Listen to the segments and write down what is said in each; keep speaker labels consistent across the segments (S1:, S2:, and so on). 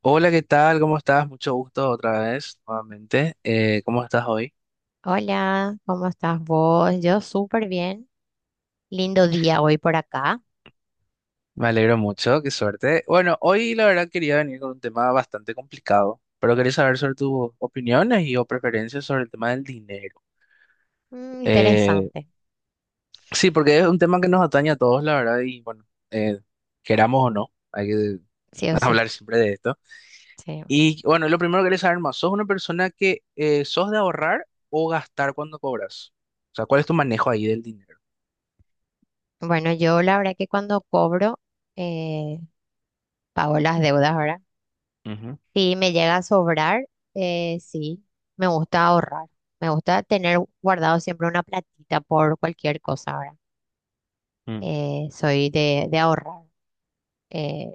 S1: Hola, ¿qué tal? ¿Cómo estás? Mucho gusto otra vez, nuevamente. ¿Cómo estás hoy?
S2: Hola, ¿cómo estás vos? Yo súper bien. Lindo día hoy por acá.
S1: Me alegro mucho, qué suerte. Bueno, hoy la verdad quería venir con un tema bastante complicado, pero quería saber sobre tus opiniones y o preferencias sobre el tema del dinero.
S2: Mm,
S1: Eh,
S2: interesante,
S1: sí, porque es un tema que nos atañe a todos, la verdad, y bueno, eh, queramos o no, hay que
S2: sí o sí.
S1: hablar siempre de esto.
S2: Sí.
S1: Y bueno, lo primero que quería saber más, ¿sos una persona que sos de ahorrar o gastar cuando cobras? O sea, ¿cuál es tu manejo ahí del dinero?
S2: Bueno, yo la verdad que cuando cobro, eh, pago las deudas ahora.
S1: Ujú,
S2: Si me llega a sobrar, sí, me gusta ahorrar. Me gusta tener guardado siempre una platita por cualquier cosa ahora.
S1: mm.
S2: Soy de ahorrar, eh,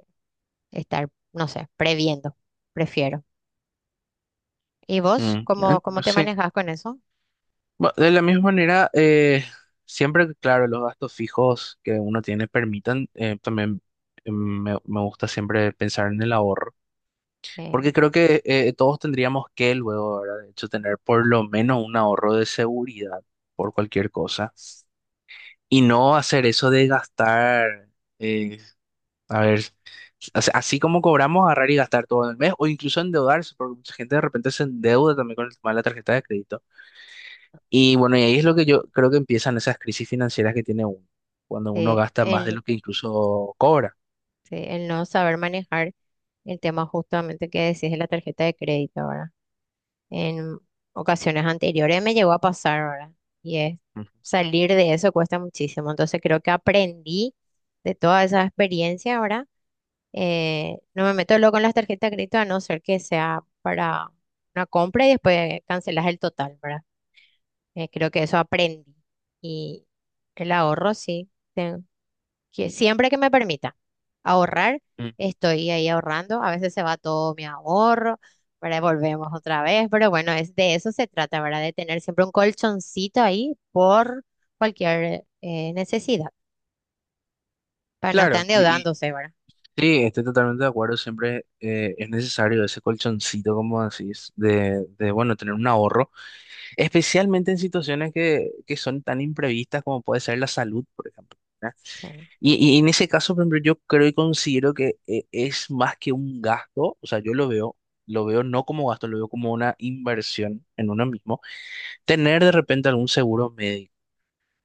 S2: estar, no sé, previendo, prefiero. ¿Y vos cómo, cómo
S1: No
S2: te
S1: sé.
S2: manejas con eso?
S1: De la misma manera, siempre que, claro, los gastos fijos que uno tiene permitan, también me gusta siempre pensar en el ahorro,
S2: Eh,
S1: porque creo que todos tendríamos que luego, ¿verdad? De hecho, tener por lo menos un ahorro de seguridad por cualquier cosa y no hacer eso de gastar, eh, a ver, o sea, así como cobramos, agarrar y gastar todo en el mes o incluso endeudarse, porque mucha gente de repente se endeuda también con el tema de la tarjeta de crédito. Y bueno, y ahí es lo que yo creo que empiezan esas crisis financieras que tiene uno, cuando uno
S2: sí,
S1: gasta más de
S2: el-
S1: lo que incluso cobra.
S2: Sí, el no saber manejar el tema justamente que decís de la tarjeta de crédito, ¿verdad? En ocasiones anteriores me llegó a pasar, ¿verdad? Y es
S1: Ujú.
S2: salir de eso cuesta muchísimo. Entonces creo que aprendí de toda esa experiencia, ¿verdad? No me meto luego con las tarjetas de crédito a no ser que sea para una compra y después cancelas el total, ¿verdad? Creo que eso aprendí. Y el ahorro, sí que siempre que me permita ahorrar,
S1: Mm.
S2: estoy ahí ahorrando. A veces se va todo mi ahorro, pero volvemos otra vez. Pero bueno, es de eso se trata, ¿verdad? De tener siempre un colchoncito ahí por cualquier necesidad, para no estar
S1: Claro, y
S2: endeudándose, ¿verdad?
S1: sí, estoy totalmente de acuerdo, siempre es necesario ese colchoncito, como decís, bueno, tener un ahorro, especialmente en situaciones que son tan imprevistas como puede ser la salud, por ejemplo. ¿Verdad?
S2: Sí.
S1: Y en ese caso, por ejemplo, yo creo y considero que es más que un gasto, o sea, yo lo veo no como gasto, lo veo como una inversión en uno mismo tener de repente algún seguro médico,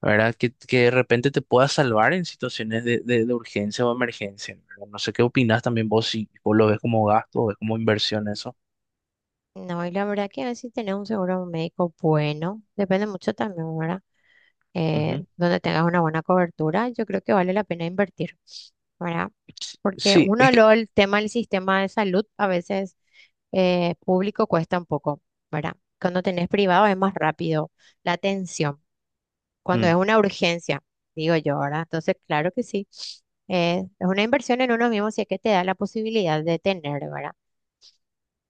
S1: ¿verdad? Que de repente te pueda salvar en situaciones de urgencia o emergencia, ¿verdad? No sé qué opinas también vos, si vos lo ves como gasto o ves como inversión eso.
S2: No, y la verdad que a veces tener un seguro médico bueno, depende mucho también, ¿verdad?
S1: Ujú.
S2: Donde tengas una buena cobertura, yo creo que vale la pena invertir, ¿verdad? Porque
S1: Sí, es
S2: uno,
S1: que,
S2: luego el tema del sistema de salud a veces público cuesta un poco, ¿verdad? Cuando tenés privado es más rápido la atención, cuando es
S1: mm,
S2: una urgencia, digo yo, ¿verdad? Entonces, claro que sí, es una inversión en uno mismo si es que te da la posibilidad de tener, ¿verdad?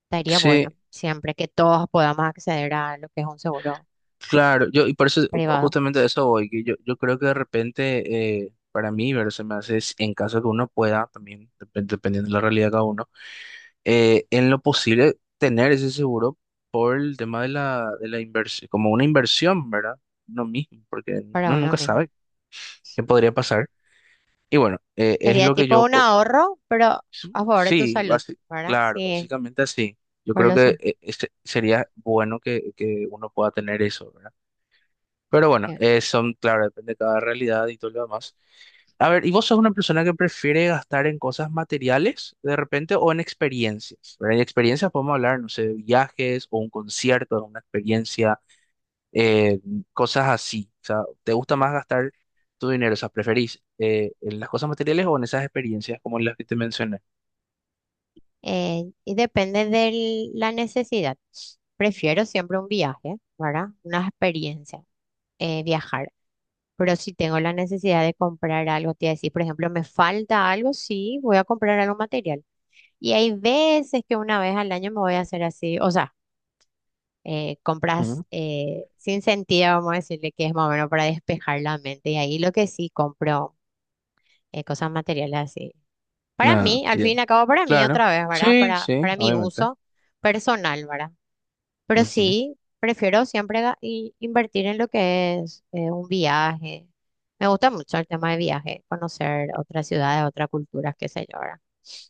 S2: Estaría bueno
S1: sí,
S2: siempre que todos podamos acceder a lo que es un seguro
S1: claro, yo, y por eso,
S2: privado
S1: justamente de eso voy, que yo creo que de repente, para mí, ver, se me hace, en caso de que uno pueda, también, dependiendo de la realidad de cada uno, en lo posible tener ese seguro por el tema de de la inversión, como una inversión, ¿verdad? No mismo, porque
S2: para
S1: no
S2: uno
S1: nunca
S2: mismo.
S1: sabe qué podría pasar. Y bueno, es
S2: Sería
S1: lo que
S2: tipo
S1: yo,
S2: un ahorro, pero a favor de tu
S1: sí,
S2: salud, ¿verdad?
S1: claro,
S2: Sí,
S1: básicamente así. Yo
S2: por
S1: creo
S2: lo
S1: que
S2: sa-
S1: eh, este- sería bueno que uno pueda tener eso, ¿verdad? Pero bueno, son, claro, depende de cada realidad y todo lo demás. A ver, ¿y vos sos una persona que prefiere gastar en cosas materiales de repente o en experiencias? ¿Verdad? En experiencias podemos hablar, no sé, de viajes o un concierto, una experiencia, eh, cosas así. O sea, ¿te gusta más gastar tu dinero? O sea, ¿preferís en las cosas materiales o en esas experiencias como las que te mencioné?
S2: Y depende de la necesidad. Prefiero siempre un viaje, ¿verdad? Una experiencia, viajar. Pero si tengo la necesidad de comprar algo, te iba a decir, por ejemplo, me falta algo, sí, voy a comprar algo material. Y hay veces que una vez al año me voy a hacer así, o sea, compras
S1: Ujú.
S2: sin sentido, vamos a decirle que es más o menos para despejar la mente. Y ahí lo que sí compro. Cosas materiales así. Para
S1: No,
S2: mí, al
S1: ya.
S2: fin y al cabo, para mí
S1: Claro.
S2: otra vez, ¿verdad?
S1: Sí,
S2: Para,
S1: sí,
S2: para mi
S1: obviamente.
S2: uso personal, ¿verdad? Pero
S1: Ujú.
S2: sí, prefiero siempre invertir en lo que es un viaje. Me gusta mucho el tema de viaje, conocer otras ciudades, otras culturas, qué sé yo, ¿verdad?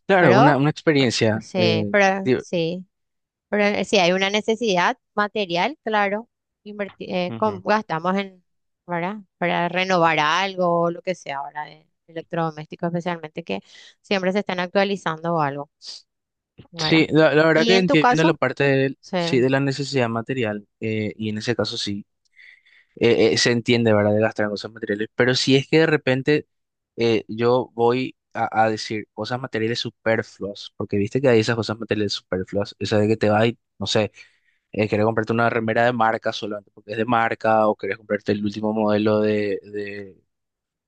S1: Claro,
S2: Pero,
S1: una experiencia.
S2: sí, pero
S1: Di-
S2: sí. Pero si hay una necesidad material, claro, gastamos en, ¿verdad? Para renovar algo o lo que sea ahora de electrodomésticos, especialmente que siempre se están actualizando o algo, ¿verdad?
S1: Sí, la verdad
S2: Y
S1: que
S2: en tu
S1: entiendo la
S2: caso,
S1: parte de,
S2: sí,
S1: sí, de la necesidad material, y en ese caso sí, se entiende, ¿verdad?, de gastar en cosas materiales, pero si es que de repente yo voy a decir cosas materiales superfluas, porque viste que hay esas cosas materiales superfluas, esa de que te vas y, no sé, querés comprarte una remera de marca solamente porque es de marca, o querés comprarte el último modelo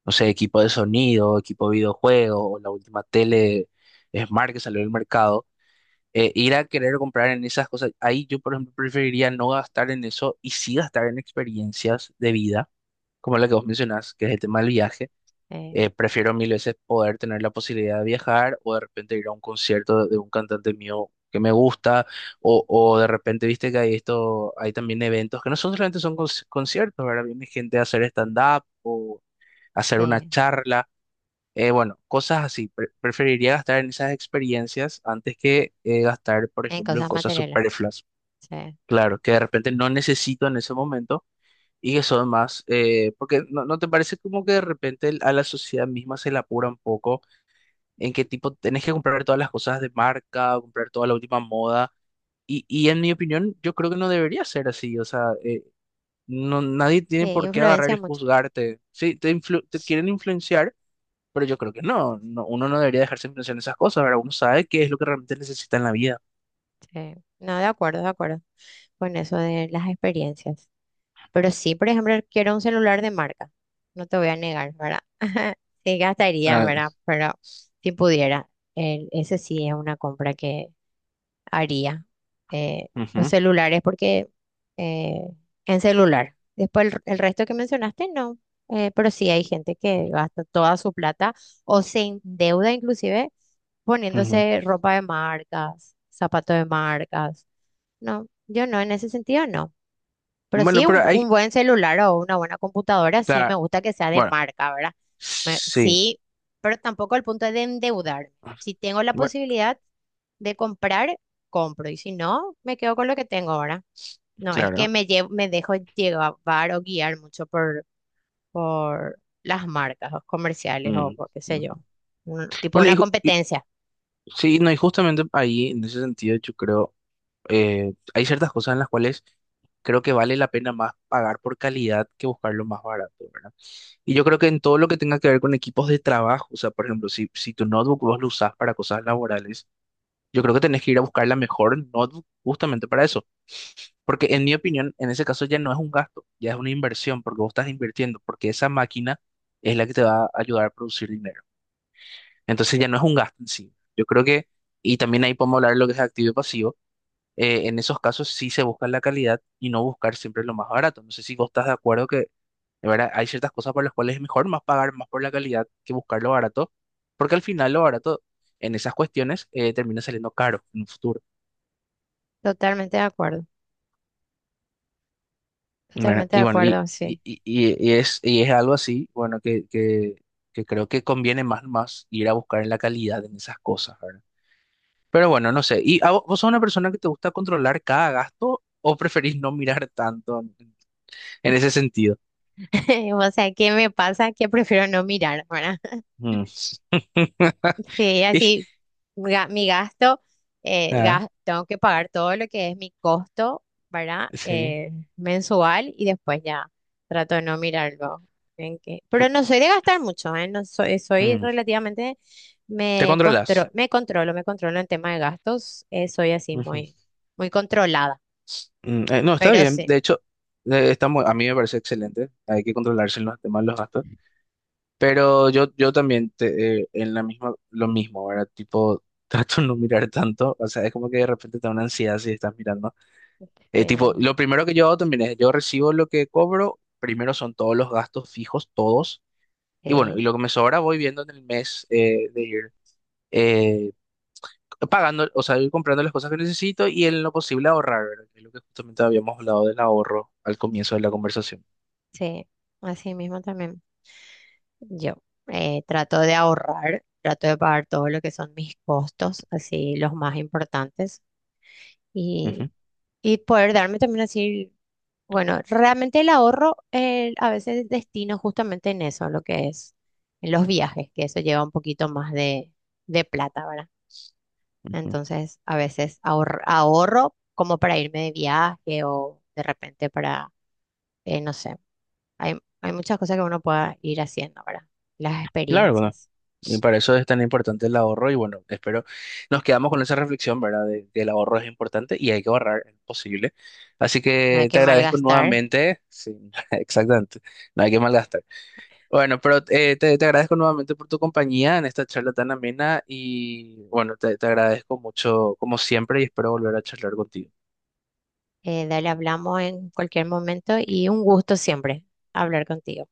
S1: no sé, equipo de sonido, equipo de videojuego, o la última tele Smart que salió del mercado ir a querer comprar en esas cosas. Ahí yo, por ejemplo, preferiría no gastar en eso y sí gastar en experiencias de vida, como la que vos mencionás, que es el tema del viaje.
S2: eh,
S1: Prefiero mil veces poder tener la posibilidad de viajar o de repente ir a un concierto de un cantante mío que me gusta o de repente, viste que hay esto, hay también eventos que no son solamente son conciertos, ¿verdad? Viene gente a hacer stand-up o hacer una
S2: sí,
S1: charla bueno, cosas así. Preferiría gastar en esas experiencias antes que gastar, por
S2: en
S1: ejemplo, en
S2: cosas
S1: cosas
S2: materiales,
S1: superfluas.
S2: sí,
S1: Claro, que de repente no necesito en ese momento y que son más, porque no, ¿no te parece como que de repente a la sociedad misma se la apura un poco en qué tipo tenés que comprar todas las cosas de marca, comprar toda la última moda? Y en mi opinión, yo creo que no debería ser así. O sea, no, nadie
S2: sí,
S1: tiene por qué agarrar
S2: influencia
S1: y
S2: mucho,
S1: juzgarte. Sí, te, te quieren influenciar, pero yo creo que no, no, uno no debería dejarse influenciar en esas cosas, ¿verdad? Uno sabe qué es lo que realmente necesita en la vida.
S2: sí. No, de acuerdo con eso de las experiencias. Pero sí, por ejemplo, quiero un celular de marca. No te voy a negar, ¿verdad? Sí, gastaría,
S1: Ah,
S2: ¿verdad? Pero si pudiera, ese sí es una compra que haría. Eh, los
S1: ujú,
S2: celulares, porque eh, en celular. Después el resto que mencionaste, no. Pero sí hay gente que gasta toda su plata o se endeuda inclusive
S1: ujú.
S2: poniéndose ropa de marcas, zapatos de marcas. No, yo no, en ese sentido no. Pero
S1: Bueno,
S2: sí, un,
S1: pero
S2: un
S1: hay,
S2: buen celular o una buena computadora, sí me
S1: claro,
S2: gusta que sea de
S1: bueno,
S2: marca, ¿verdad?
S1: sí,
S2: Sí, pero tampoco al punto de endeudarme. Si tengo la
S1: bueno,
S2: posibilidad de comprar, compro. Y si no, me quedo con lo que tengo ahora. No, es que
S1: claro.
S2: me llevo, me dejo llevar o guiar mucho por las marcas o comerciales o
S1: Mm,
S2: por qué sé
S1: ujú.
S2: yo. Tipo
S1: Bueno,
S2: una competencia.
S1: sí, no, y justamente ahí, en ese sentido, yo creo, hay ciertas cosas en las cuales creo que vale la pena más pagar por calidad que buscar lo más barato, ¿verdad? Y yo creo que en todo lo que tenga que ver con equipos de trabajo, o sea, por ejemplo, si tu notebook vos lo usás para cosas laborales, yo creo que tenés que ir a buscar la mejor notebook justamente para eso. Porque en mi opinión, en ese caso ya no es un gasto, ya es una inversión, porque vos estás invirtiendo, porque esa máquina es la que te va a ayudar a producir dinero. Entonces ya no es un gasto en sí. Yo creo que, y también ahí podemos hablar de lo que es activo y pasivo, en esos casos sí se busca la calidad y no buscar siempre lo más barato. No sé si vos estás de acuerdo que, de verdad, hay ciertas cosas por las cuales es mejor más pagar más por la calidad que buscar lo barato, porque al final lo barato en esas cuestiones termina saliendo caro en un futuro.
S2: Totalmente de acuerdo.
S1: Bueno,
S2: Totalmente
S1: y
S2: de
S1: bueno, y,
S2: acuerdo,
S1: y,
S2: sí.
S1: y, y es, y es algo así, bueno, que creo que conviene más, más ir a buscar en la calidad en esas cosas, ¿verdad? Pero bueno, no sé. ¿Y a vos, sos una persona que te gusta controlar cada gasto o preferís no mirar tanto en ese sentido?
S2: O sea, ¿qué me pasa? Que prefiero no mirar, ¿verdad?
S1: Mm.
S2: Sí,
S1: Y-
S2: así mi gasto,
S1: ah,
S2: tengo que pagar todo lo que es mi costo, ¿verdad?
S1: sí.
S2: Mensual y después ya trato de no mirarlo. Pero no soy de gastar mucho, ¿eh? No soy, soy
S1: Mm.
S2: relativamente,
S1: Te controlas.
S2: me controlo en tema de gastos, soy así
S1: Ujú.
S2: muy, muy controlada,
S1: Mm, no, está
S2: pero
S1: bien.
S2: sí,
S1: De hecho, a mí me parece excelente. Hay que controlarse en los temas de los gastos. Pero yo también en la misma, lo mismo, ¿verdad? Tipo, trato de no mirar tanto, o sea, es como que de repente te da una ansiedad si estás mirando. Tipo,
S2: eh,
S1: lo primero que yo hago también es, yo recibo lo que cobro, primero son todos los gastos fijos, todos, y bueno, y
S2: sí,
S1: lo que me sobra voy viendo en el mes de ir eh, pagando, o sea, ir comprando las cosas que necesito y en lo posible ahorrar, ¿verdad? Que es lo que justamente habíamos hablado del ahorro al comienzo de la conversación.
S2: sí, así mismo también. Yo trato de ahorrar, trato de pagar todo lo que son mis costos, así los más importantes, y,
S1: Ujú,
S2: y poder darme también así, bueno, realmente el ahorro a veces destino justamente en eso, lo que es en los viajes, que eso lleva un poquito más de plata, ¿verdad?
S1: ujú.
S2: Entonces, a veces ahorro como para irme de viaje o de repente para, no sé, hay muchas cosas que uno pueda ir haciendo, ¿verdad? Las
S1: Claro.
S2: experiencias.
S1: Y para eso es tan importante el ahorro y bueno, espero nos quedamos con esa reflexión, ¿verdad? De que el ahorro es importante y hay que ahorrar en lo posible. Así
S2: No hay
S1: que te
S2: que
S1: agradezco
S2: malgastar.
S1: nuevamente, sí, exactamente, no hay que malgastar. Bueno, pero te, te agradezco nuevamente por tu compañía en esta charla tan amena y bueno, te agradezco mucho como siempre y espero volver a charlar contigo.
S2: Dale, hablamos en cualquier momento y un gusto siempre hablar contigo.